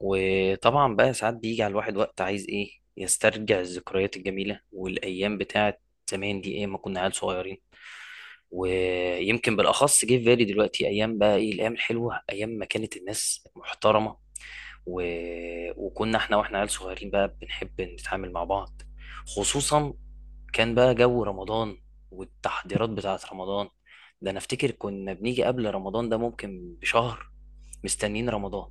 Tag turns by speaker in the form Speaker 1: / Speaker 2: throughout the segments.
Speaker 1: وطبعا بقى ساعات بيجي على الواحد وقت عايز ايه يسترجع الذكريات الجميلة والايام بتاعت زمان دي ايه؟ ما كنا عيال صغيرين، ويمكن بالاخص جه في بالي دلوقتي ايام، بقى ايه الايام الحلوة؟ ايام ما كانت الناس محترمة و... وكنا احنا واحنا عيال صغيرين بقى بنحب نتعامل مع بعض، خصوصا كان بقى جو رمضان والتحضيرات بتاعت رمضان. ده انا افتكر كنا بنيجي قبل رمضان ده ممكن بشهر مستنيين رمضان.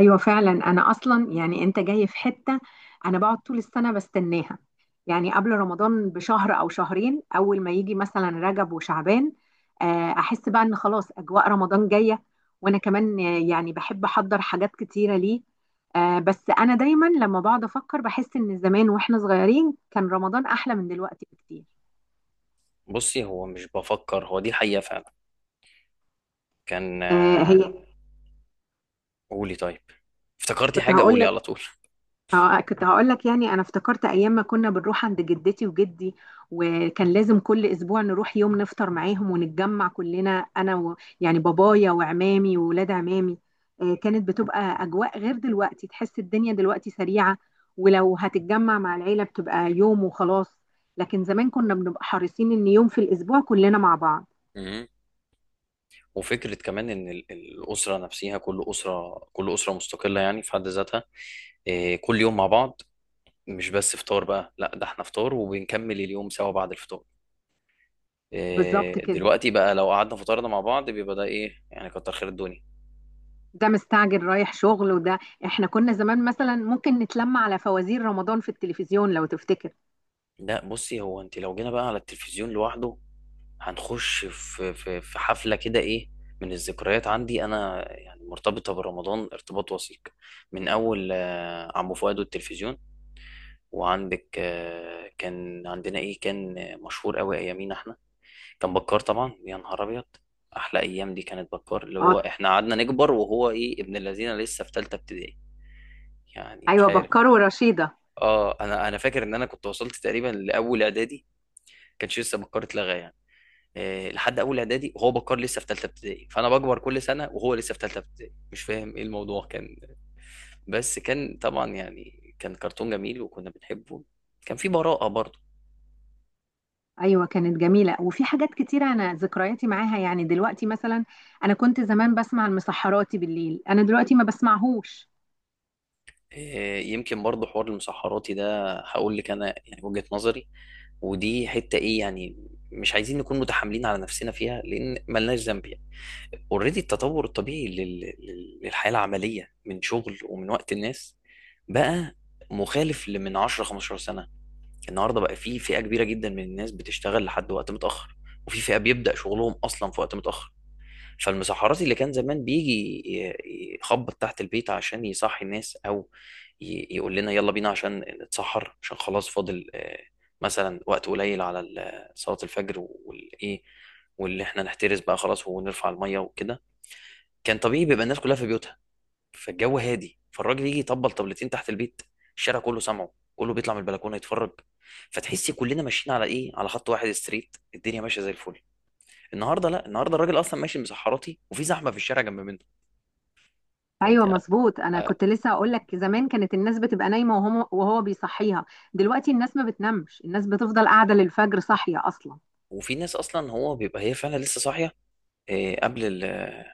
Speaker 2: ايوه فعلا. انا اصلا يعني انت جاي في حته، انا بقعد طول السنه بستناها. يعني قبل رمضان بشهر او شهرين اول ما يجي مثلا رجب وشعبان، احس بقى ان خلاص اجواء رمضان جايه. وانا كمان يعني بحب احضر حاجات كتيره ليه. بس انا دايما لما بقعد افكر بحس ان زمان واحنا صغيرين كان رمضان احلى من دلوقتي بكتير.
Speaker 1: بصي، هو مش بفكر، هو دي حقيقة فعلا. كان
Speaker 2: آه، هي.
Speaker 1: قولي طيب، افتكرتي
Speaker 2: كنت
Speaker 1: حاجة
Speaker 2: هقول،
Speaker 1: قولي على طول.
Speaker 2: اه كنت هقول لك يعني انا افتكرت ايام ما كنا بنروح عند جدتي وجدي، وكان لازم كل اسبوع نروح يوم نفطر معاهم ونتجمع كلنا انا و يعني بابايا وعمامي وولاد عمامي. كانت بتبقى اجواء غير دلوقتي، تحس الدنيا دلوقتي سريعة، ولو هتتجمع مع العيلة بتبقى يوم وخلاص. لكن زمان كنا بنبقى حريصين ان يوم في الاسبوع كلنا مع بعض.
Speaker 1: مم. وفكرة كمان إن الأسرة نفسها، كل أسرة، كل أسرة مستقلة يعني في حد ذاتها. إيه، كل يوم مع بعض، مش بس فطار بقى، لا ده احنا فطار وبنكمل اليوم سوا بعد الفطار.
Speaker 2: بالظبط
Speaker 1: إيه،
Speaker 2: كده.
Speaker 1: دلوقتي بقى لو قعدنا فطرنا مع بعض بيبقى ده إيه يعني، كتر خير الدنيا.
Speaker 2: ده مستعجل رايح شغل وده، احنا كنا زمان مثلا ممكن نتلم على فوازير رمضان في التلفزيون لو تفتكر.
Speaker 1: لا بصي، هو أنت لو جينا بقى على التلفزيون لوحده هنخش في حفلة كده. إيه، من الذكريات عندي أنا يعني مرتبطة برمضان ارتباط وثيق، من أول عمو فؤاد والتلفزيون. وعندك كان عندنا إيه، كان مشهور أوي أيامينا إحنا كان بكار، طبعا يا نهار أبيض، أحلى أيام دي كانت بكار، اللي
Speaker 2: اه
Speaker 1: هو إحنا قعدنا نكبر وهو إيه ابن الذين لسه في تالتة ابتدائي. يعني
Speaker 2: ايوه
Speaker 1: مش عارف،
Speaker 2: بكر ورشيدة.
Speaker 1: آه أنا فاكر إن أنا كنت وصلت تقريبا لأول إعدادي، كانش لسه بكار اتلغى يعني. آه، لحد اول اعدادي وهو بكار لسه في ثالثه ابتدائي، فانا بكبر كل سنه وهو لسه في ثالثه ابتدائي، مش فاهم ايه الموضوع كان. بس كان طبعا يعني كان كرتون جميل وكنا بنحبه، كان في براءة برضه.
Speaker 2: ايوه كانت جميلة وفي حاجات كتيرة انا ذكرياتي معاها. يعني دلوقتي مثلا انا كنت زمان بسمع المسحراتي بالليل، انا دلوقتي ما بسمعهوش.
Speaker 1: آه، يمكن برضه حوار المسحراتي ده هقول لك انا يعني وجهة نظري، ودي حتة ايه يعني، مش عايزين نكون متحاملين على نفسنا فيها لان ملناش ذنب يعني. اوريدي التطور الطبيعي للحياة العملية من شغل ومن وقت الناس بقى مخالف لمن 10 15 سنة. النهارده بقى في فئه كبيره جدا من الناس بتشتغل لحد وقت متاخر، وفي فئه بيبدا شغلهم اصلا في وقت متاخر. فالمسحراتي اللي كان زمان بيجي يخبط تحت البيت عشان يصحي الناس، او يقول لنا يلا بينا عشان نتسحر، عشان خلاص فاضل مثلا وقت قليل على صلاه الفجر والايه، واللي احنا نحترس بقى خلاص ونرفع الميه وكده، كان طبيعي بيبقى الناس كلها في بيوتها، فالجو هادي، فالراجل يجي يطبل طبلتين تحت البيت، الشارع كله سامعه، كله بيطلع من البلكونه يتفرج، فتحس كلنا ماشيين على ايه، على خط واحد ستريت، الدنيا ماشيه زي الفل. النهارده لا، النهارده الراجل اصلا ماشي مسحراتي وفي زحمه في الشارع جنب منه. فانت،
Speaker 2: ايوه مظبوط. انا
Speaker 1: آه،
Speaker 2: كنت لسه هقول لك زمان كانت الناس بتبقى نايمة وهو بيصحيها، دلوقتي الناس ما بتنامش، الناس بتفضل قاعدة للفجر صاحية اصلا.
Speaker 1: وفي ناس اصلا هو بيبقى هي فعلا لسه صاحيه، آه، قبل ال-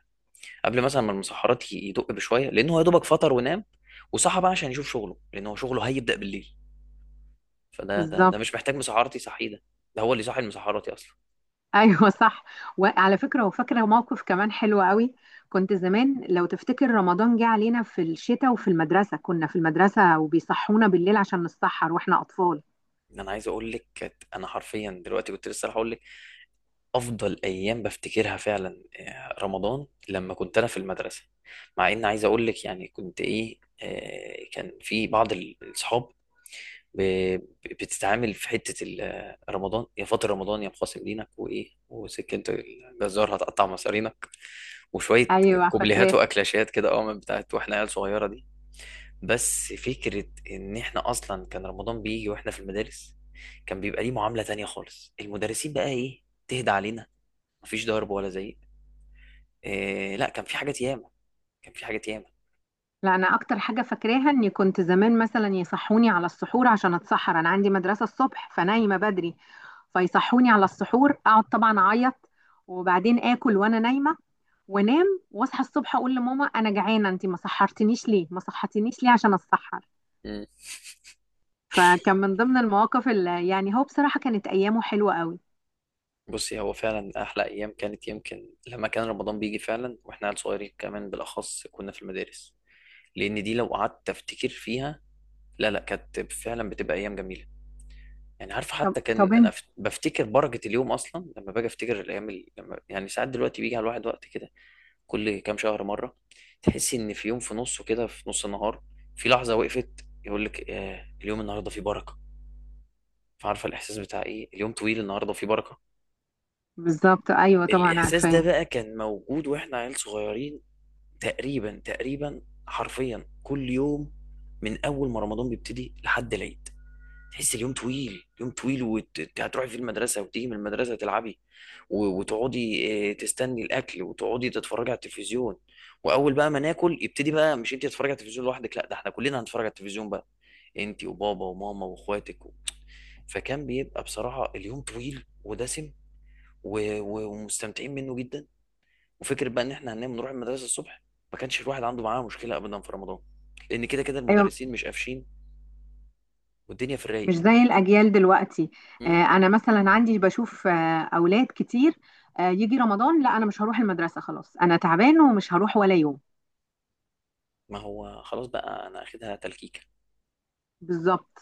Speaker 1: قبل مثلا ما المسحرات يدق بشويه لان هو يا دوبك فطر ونام، وصحى بقى عشان يشوف شغله لان هو شغله هيبدا بالليل. فده ده ده
Speaker 2: بالظبط.
Speaker 1: مش محتاج مسحراتي صحيه ده، ده هو اللي صاحي المسحراتي اصلا.
Speaker 2: ايوه صح. وعلى فكره وفاكره موقف كمان حلو قوي. كنت زمان لو تفتكر رمضان جه علينا في الشتاء وفي المدرسه، كنا في المدرسه وبيصحونا بالليل عشان نتسحر واحنا اطفال.
Speaker 1: ان انا عايز اقول لك انا حرفيا دلوقتي كنت لسه هقول لك افضل ايام بفتكرها فعلا، آه، رمضان لما كنت انا في المدرسه. مع ان عايز اقول لك يعني كنت ايه، آه، كان في بعض الاصحاب بتتعامل في حته آه، رمضان يا فاطر، رمضان يا مقاسم دينك، وايه وسكه الجزار هتقطع مصارينك وشويه
Speaker 2: ايوه
Speaker 1: كوبليهات
Speaker 2: فاكراه.
Speaker 1: واكلاشات كده، اه من بتاعت واحنا عيال صغيره دي. بس فكرة إن إحنا أصلا كان رمضان بيجي وإحنا في المدارس، كان بيبقى ليه معاملة تانية خالص، المدرسين بقى إيه تهدى علينا، مفيش ضرب ولا زعيق، إيه، لا كان في حاجات ياما، كان في حاجات ياما.
Speaker 2: لا انا اكتر حاجه فاكراها اني كنت زمان مثلا يصحوني على السحور عشان اتسحر، انا عندي مدرسه الصبح فنايمه بدري، فيصحوني على السحور اقعد طبعا اعيط، وبعدين اكل وانا نايمه وانام، واصحى الصبح اقول لماما انا جعانه انت ما سحرتنيش ليه، ما صحتنيش ليه عشان اتسحر.
Speaker 1: مم.
Speaker 2: فكان من ضمن المواقف اللي يعني هو بصراحة كانت أيامه حلوة قوي.
Speaker 1: بصي، هو فعلا أحلى أيام كانت يمكن لما كان رمضان بيجي فعلا وإحنا عيال صغيرين، كمان بالأخص كنا في المدارس، لأن دي لو قعدت أفتكر فيها، لا لا كانت فعلا بتبقى أيام جميلة. يعني عارف
Speaker 2: طب
Speaker 1: حتى كان
Speaker 2: طب
Speaker 1: انا
Speaker 2: انت.
Speaker 1: بفتكر بركه اليوم اصلا لما باجي افتكر الايام لما يعني ساعات دلوقتي بيجي على الواحد وقت كده كل كام شهر مره، تحس ان في يوم في نصه كده، في نص النهار، في لحظه وقفت، يقول لك آه اليوم النهارده فيه بركه. فعارفه الاحساس بتاع ايه، اليوم طويل النهارده فيه بركه؟
Speaker 2: بالظبط أيوة طبعا
Speaker 1: الاحساس ده
Speaker 2: عارفاه.
Speaker 1: بقى كان موجود واحنا عيال صغيرين، تقريبا حرفيا كل يوم من اول ما رمضان بيبتدي لحد العيد، تحس اليوم طويل، يوم طويل، وهتروحي في المدرسة وتيجي من المدرسة تلعبي وتقعدي، آه، تستني الأكل وتقعدي تتفرجي على التلفزيون، وأول بقى ما ناكل يبتدي بقى، مش أنت تتفرجي على التلفزيون لوحدك، لا ده احنا كلنا هنتفرج على التلفزيون بقى، أنت وبابا وماما وإخواتك فكان بيبقى بصراحة اليوم طويل ودسم، ومستمتعين منه جدا. وفكرة بقى إن احنا هننام نروح المدرسة الصبح، ما كانش الواحد عنده معاه مشكلة أبدا في رمضان، لأن كده كده
Speaker 2: أيوة
Speaker 1: المدرسين مش قافشين والدنيا في الرايق.
Speaker 2: مش زي الأجيال دلوقتي. آه أنا مثلا عندي بشوف آه أولاد كتير، آه يجي رمضان لا أنا مش هروح المدرسة خلاص أنا تعبان ومش هروح ولا يوم.
Speaker 1: ما هو خلاص بقى انا اخدها تلكيكه.
Speaker 2: بالظبط.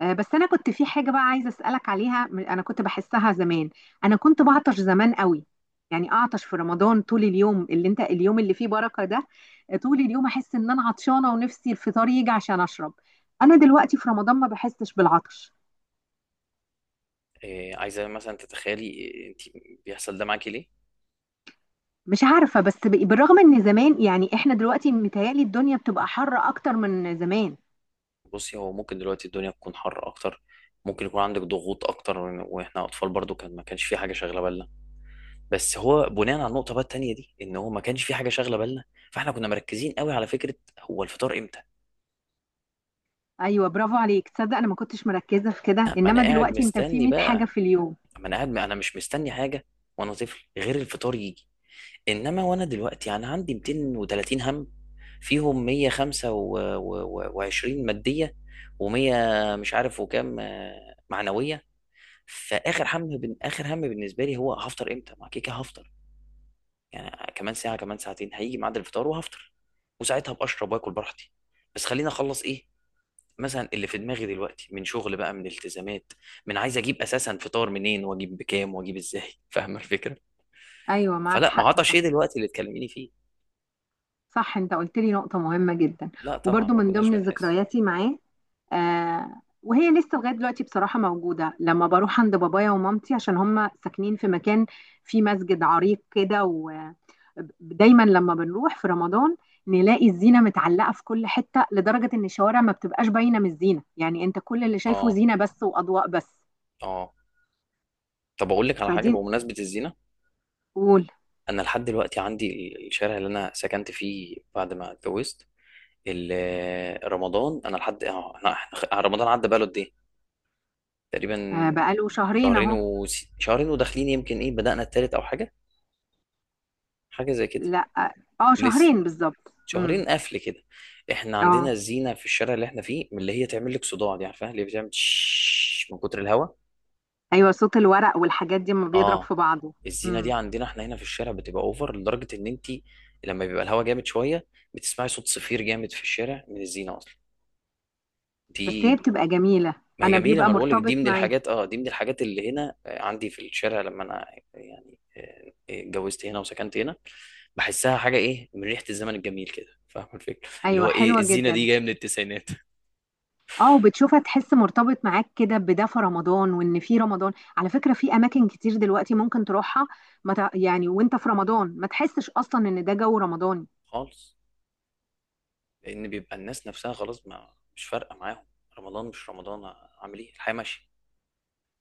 Speaker 2: بس انا كنت في حاجه بقى عايزه اسالك عليها، انا كنت بحسها زمان. انا كنت بعطش زمان قوي، يعني اعطش في رمضان طول اليوم اللي انت اليوم اللي فيه بركه ده. طول اليوم احس ان انا عطشانه ونفسي الفطار يجي عشان اشرب. انا دلوقتي في رمضان ما بحسش بالعطش.
Speaker 1: إيه عايزه مثلا تتخيلي إيه انت، بيحصل ده معاكي ليه؟
Speaker 2: مش عارفه، بس بالرغم ان زمان يعني احنا دلوقتي متهيألي الدنيا بتبقى حر اكتر من زمان.
Speaker 1: بصي، هو ممكن دلوقتي الدنيا تكون حر اكتر، ممكن يكون عندك ضغوط اكتر، واحنا اطفال برضو كان ما كانش في حاجه شاغله بالنا. بس هو بناء على النقطه بقى التانيه دي، ان هو ما كانش في حاجه شاغله بالنا، فاحنا كنا مركزين قوي على فكره هو الفطار امتى.
Speaker 2: ايوه برافو عليك. تصدق انا ما كنتش مركزه في كده،
Speaker 1: لا، ما انا
Speaker 2: انما
Speaker 1: قاعد
Speaker 2: دلوقتي انت في
Speaker 1: مستني
Speaker 2: 100 حاجه
Speaker 1: بقى،
Speaker 2: في اليوم.
Speaker 1: ما انا قاعد، انا مش مستني حاجه وانا طفل غير الفطار يجي. انما وانا دلوقتي انا عندي 230 هم، فيهم 125 ماديه و100 مش عارف وكام، معنويه. فاخر هم اخر هم بالنسبه لي هو هفطر امتى، ما كيكه هفطر يعني كمان ساعه كمان ساعتين هيجي ميعاد الفطار وهفطر، وساعتها ابقى اشرب واكل براحتي، بس خليني اخلص ايه مثلا اللي في دماغي دلوقتي من شغل بقى، من التزامات، من عايز اجيب اساسا فطار منين واجيب بكام واجيب ازاي فاهمه الفكره.
Speaker 2: ايوه معاك
Speaker 1: فلا ما
Speaker 2: حق.
Speaker 1: عطش ايه دلوقتي اللي تكلميني فيه؟
Speaker 2: صح، انت قلت لي نقطة مهمة جدا.
Speaker 1: لا طبعا
Speaker 2: وبرضو
Speaker 1: ما
Speaker 2: من
Speaker 1: كناش
Speaker 2: ضمن
Speaker 1: بنحس.
Speaker 2: ذكرياتي معاه، آه وهي لسه لغاية دلوقتي بصراحة موجودة، لما بروح عند بابايا ومامتي عشان هم ساكنين في مكان فيه مسجد عريق كده، ودايما لما بنروح في رمضان نلاقي الزينة متعلقة في كل حتة، لدرجة ان الشوارع ما بتبقاش باينة من الزينة، يعني انت كل اللي شايفه
Speaker 1: اه.
Speaker 2: زينة بس وأضواء بس.
Speaker 1: اه. طب اقول لك على حاجه
Speaker 2: فدي.
Speaker 1: بمناسبه الزينه،
Speaker 2: قول.
Speaker 1: انا لحد دلوقتي عندي الشارع اللي انا سكنت فيه بعد ما اتجوزت، رمضان انا لحد آه، رمضان عدى بقاله قد ايه؟ تقريبا
Speaker 2: آه بقاله شهرين
Speaker 1: شهرين
Speaker 2: اهو.
Speaker 1: و شهرين وداخلين، يمكن ايه بدأنا التالت او حاجه، حاجه زي كده.
Speaker 2: لا اه، آه،
Speaker 1: لسه
Speaker 2: شهرين بالظبط، امم.
Speaker 1: شهرين قفل كده. احنا عندنا
Speaker 2: اه
Speaker 1: الزينه في الشارع اللي احنا فيه من اللي هي تعمل لك صداع دي، عارفاها اللي بتعمل تش من كتر الهواء؟
Speaker 2: ايوه صوت الورق والحاجات دي لما بيضرب
Speaker 1: اه،
Speaker 2: في بعضه.
Speaker 1: الزينه دي
Speaker 2: امم.
Speaker 1: عندنا احنا هنا في الشارع بتبقى اوفر، لدرجه ان انت لما بيبقى الهوا جامد شويه، بتسمعي صوت صفير جامد في الشارع من الزينه اصلا دي.
Speaker 2: بس هي بتبقى جميله.
Speaker 1: ما هي
Speaker 2: انا
Speaker 1: جميله، ما
Speaker 2: بيبقى
Speaker 1: أنا بقول لك
Speaker 2: مرتبط
Speaker 1: دي من
Speaker 2: معايا.
Speaker 1: الحاجات، اه دي من الحاجات اللي هنا، آه، عندي في الشارع لما انا يعني، اتجوزت هنا وسكنت هنا، بحسها حاجه ايه من ريحه الزمن الجميل كده، فاهم الفكره اللي
Speaker 2: ايوه
Speaker 1: هو ايه،
Speaker 2: حلوه
Speaker 1: الزينه
Speaker 2: جدا.
Speaker 1: دي جايه من التسعينات.
Speaker 2: اه وبتشوفها تحس مرتبط معاك كده بده في رمضان. وان في رمضان على فكره في اماكن كتير دلوقتي ممكن تروحها ما تع- يعني وانت في رمضان ما تحسش اصلا ان ده جو رمضاني.
Speaker 1: خالص، لان بيبقى الناس نفسها خلاص ما مش فارقه معاهم، رمضان مش رمضان، اعمل ايه، الحياه ماشيه.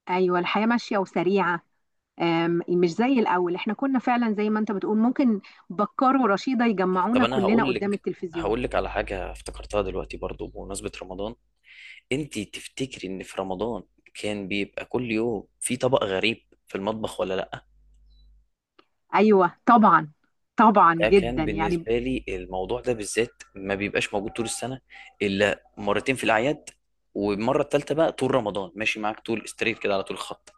Speaker 2: ايوه الحياه ماشيه وسريعه. مش زي الاول، احنا كنا فعلا زي ما انت بتقول ممكن بكار ورشيده
Speaker 1: طب
Speaker 2: يجمعونا
Speaker 1: انا
Speaker 2: كلنا
Speaker 1: هقول
Speaker 2: قدام
Speaker 1: لك،
Speaker 2: التلفزيون.
Speaker 1: هقول لك على حاجه افتكرتها دلوقتي برضو بمناسبه رمضان، انت تفتكري ان في رمضان كان بيبقى كل يوم في طبق غريب في المطبخ ولا لا؟
Speaker 2: ايوه طبعا. طبعا
Speaker 1: ده كان
Speaker 2: جدا يعني.
Speaker 1: بالنسبه لي الموضوع ده بالذات ما بيبقاش موجود طول السنه الا مرتين في الاعياد، والمره الثالثه بقى طول رمضان ماشي معاك طول ستريت كده على طول خط.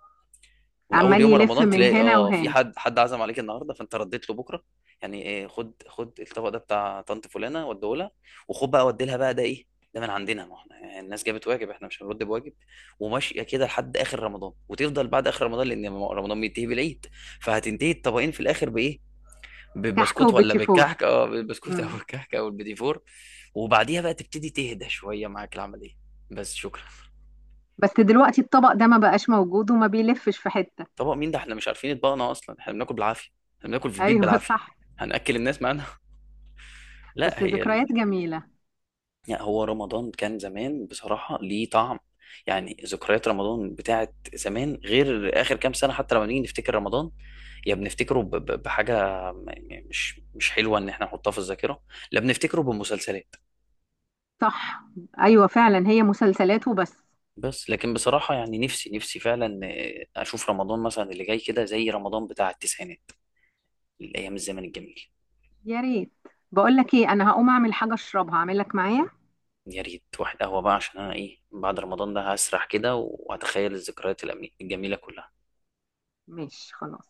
Speaker 1: من اول
Speaker 2: عمال
Speaker 1: يوم
Speaker 2: يلف
Speaker 1: رمضان
Speaker 2: من
Speaker 1: تلاقي
Speaker 2: هنا
Speaker 1: اه في
Speaker 2: وهنا.
Speaker 1: حد، حد عزم عليك النهارده فانت رديت له بكره، يعني ايه، خد، خد الطبق ده بتاع طنط فلانه وديه لها، وخد بقى ودي لها بقى ده ايه، ده من عندنا ما احنا يعني الناس جابت واجب احنا مش هنرد بواجب، وماشيه كده لحد اخر رمضان، وتفضل بعد اخر رمضان لان رمضان بينتهي بالعيد، فهتنتهي الطبقين في الاخر بايه،
Speaker 2: كحك
Speaker 1: بالبسكوت ولا
Speaker 2: وبيتي فور.
Speaker 1: بالكحك؟ اه بالبسكوت او
Speaker 2: مم.
Speaker 1: الكحك او البيدي فور. وبعديها بقى تبتدي تهدى شويه معاك العمليه، بس شكرا.
Speaker 2: بس دلوقتي الطبق ده ما بقاش موجود وما بيلفش في حتة.
Speaker 1: طبق مين ده، احنا مش عارفين يطبقنا اصلا، احنا بناكل بالعافيه، احنا بناكل في البيت
Speaker 2: ايوه
Speaker 1: بالعافيه،
Speaker 2: صح.
Speaker 1: هنأكل الناس معانا؟ لا
Speaker 2: بس
Speaker 1: هي ال...
Speaker 2: ذكريات جميلة.
Speaker 1: يعني هو رمضان كان زمان بصراحه ليه طعم، يعني ذكريات رمضان بتاعت زمان غير اخر كام سنه، حتى لما نيجي نفتكر رمضان، يا بنفتكره بحاجه مش حلوه ان احنا نحطها في الذاكره، لا بنفتكره بمسلسلات.
Speaker 2: صح. ايوه فعلا هي مسلسلات وبس.
Speaker 1: بس لكن بصراحه يعني نفسي فعلا، آه، اشوف رمضان مثلا اللي جاي كده زي رمضان بتاع التسعينات، الايام الزمن الجميل.
Speaker 2: يا ريت. بقول لك ايه، انا هقوم اعمل حاجة اشربها، اعمل لك معايا؟
Speaker 1: يا ريت واحد قهوة بقى عشان أنا إيه بعد رمضان ده هسرح كده وهتخيل الذكريات الجميلة كلها.
Speaker 2: ماشي خلاص.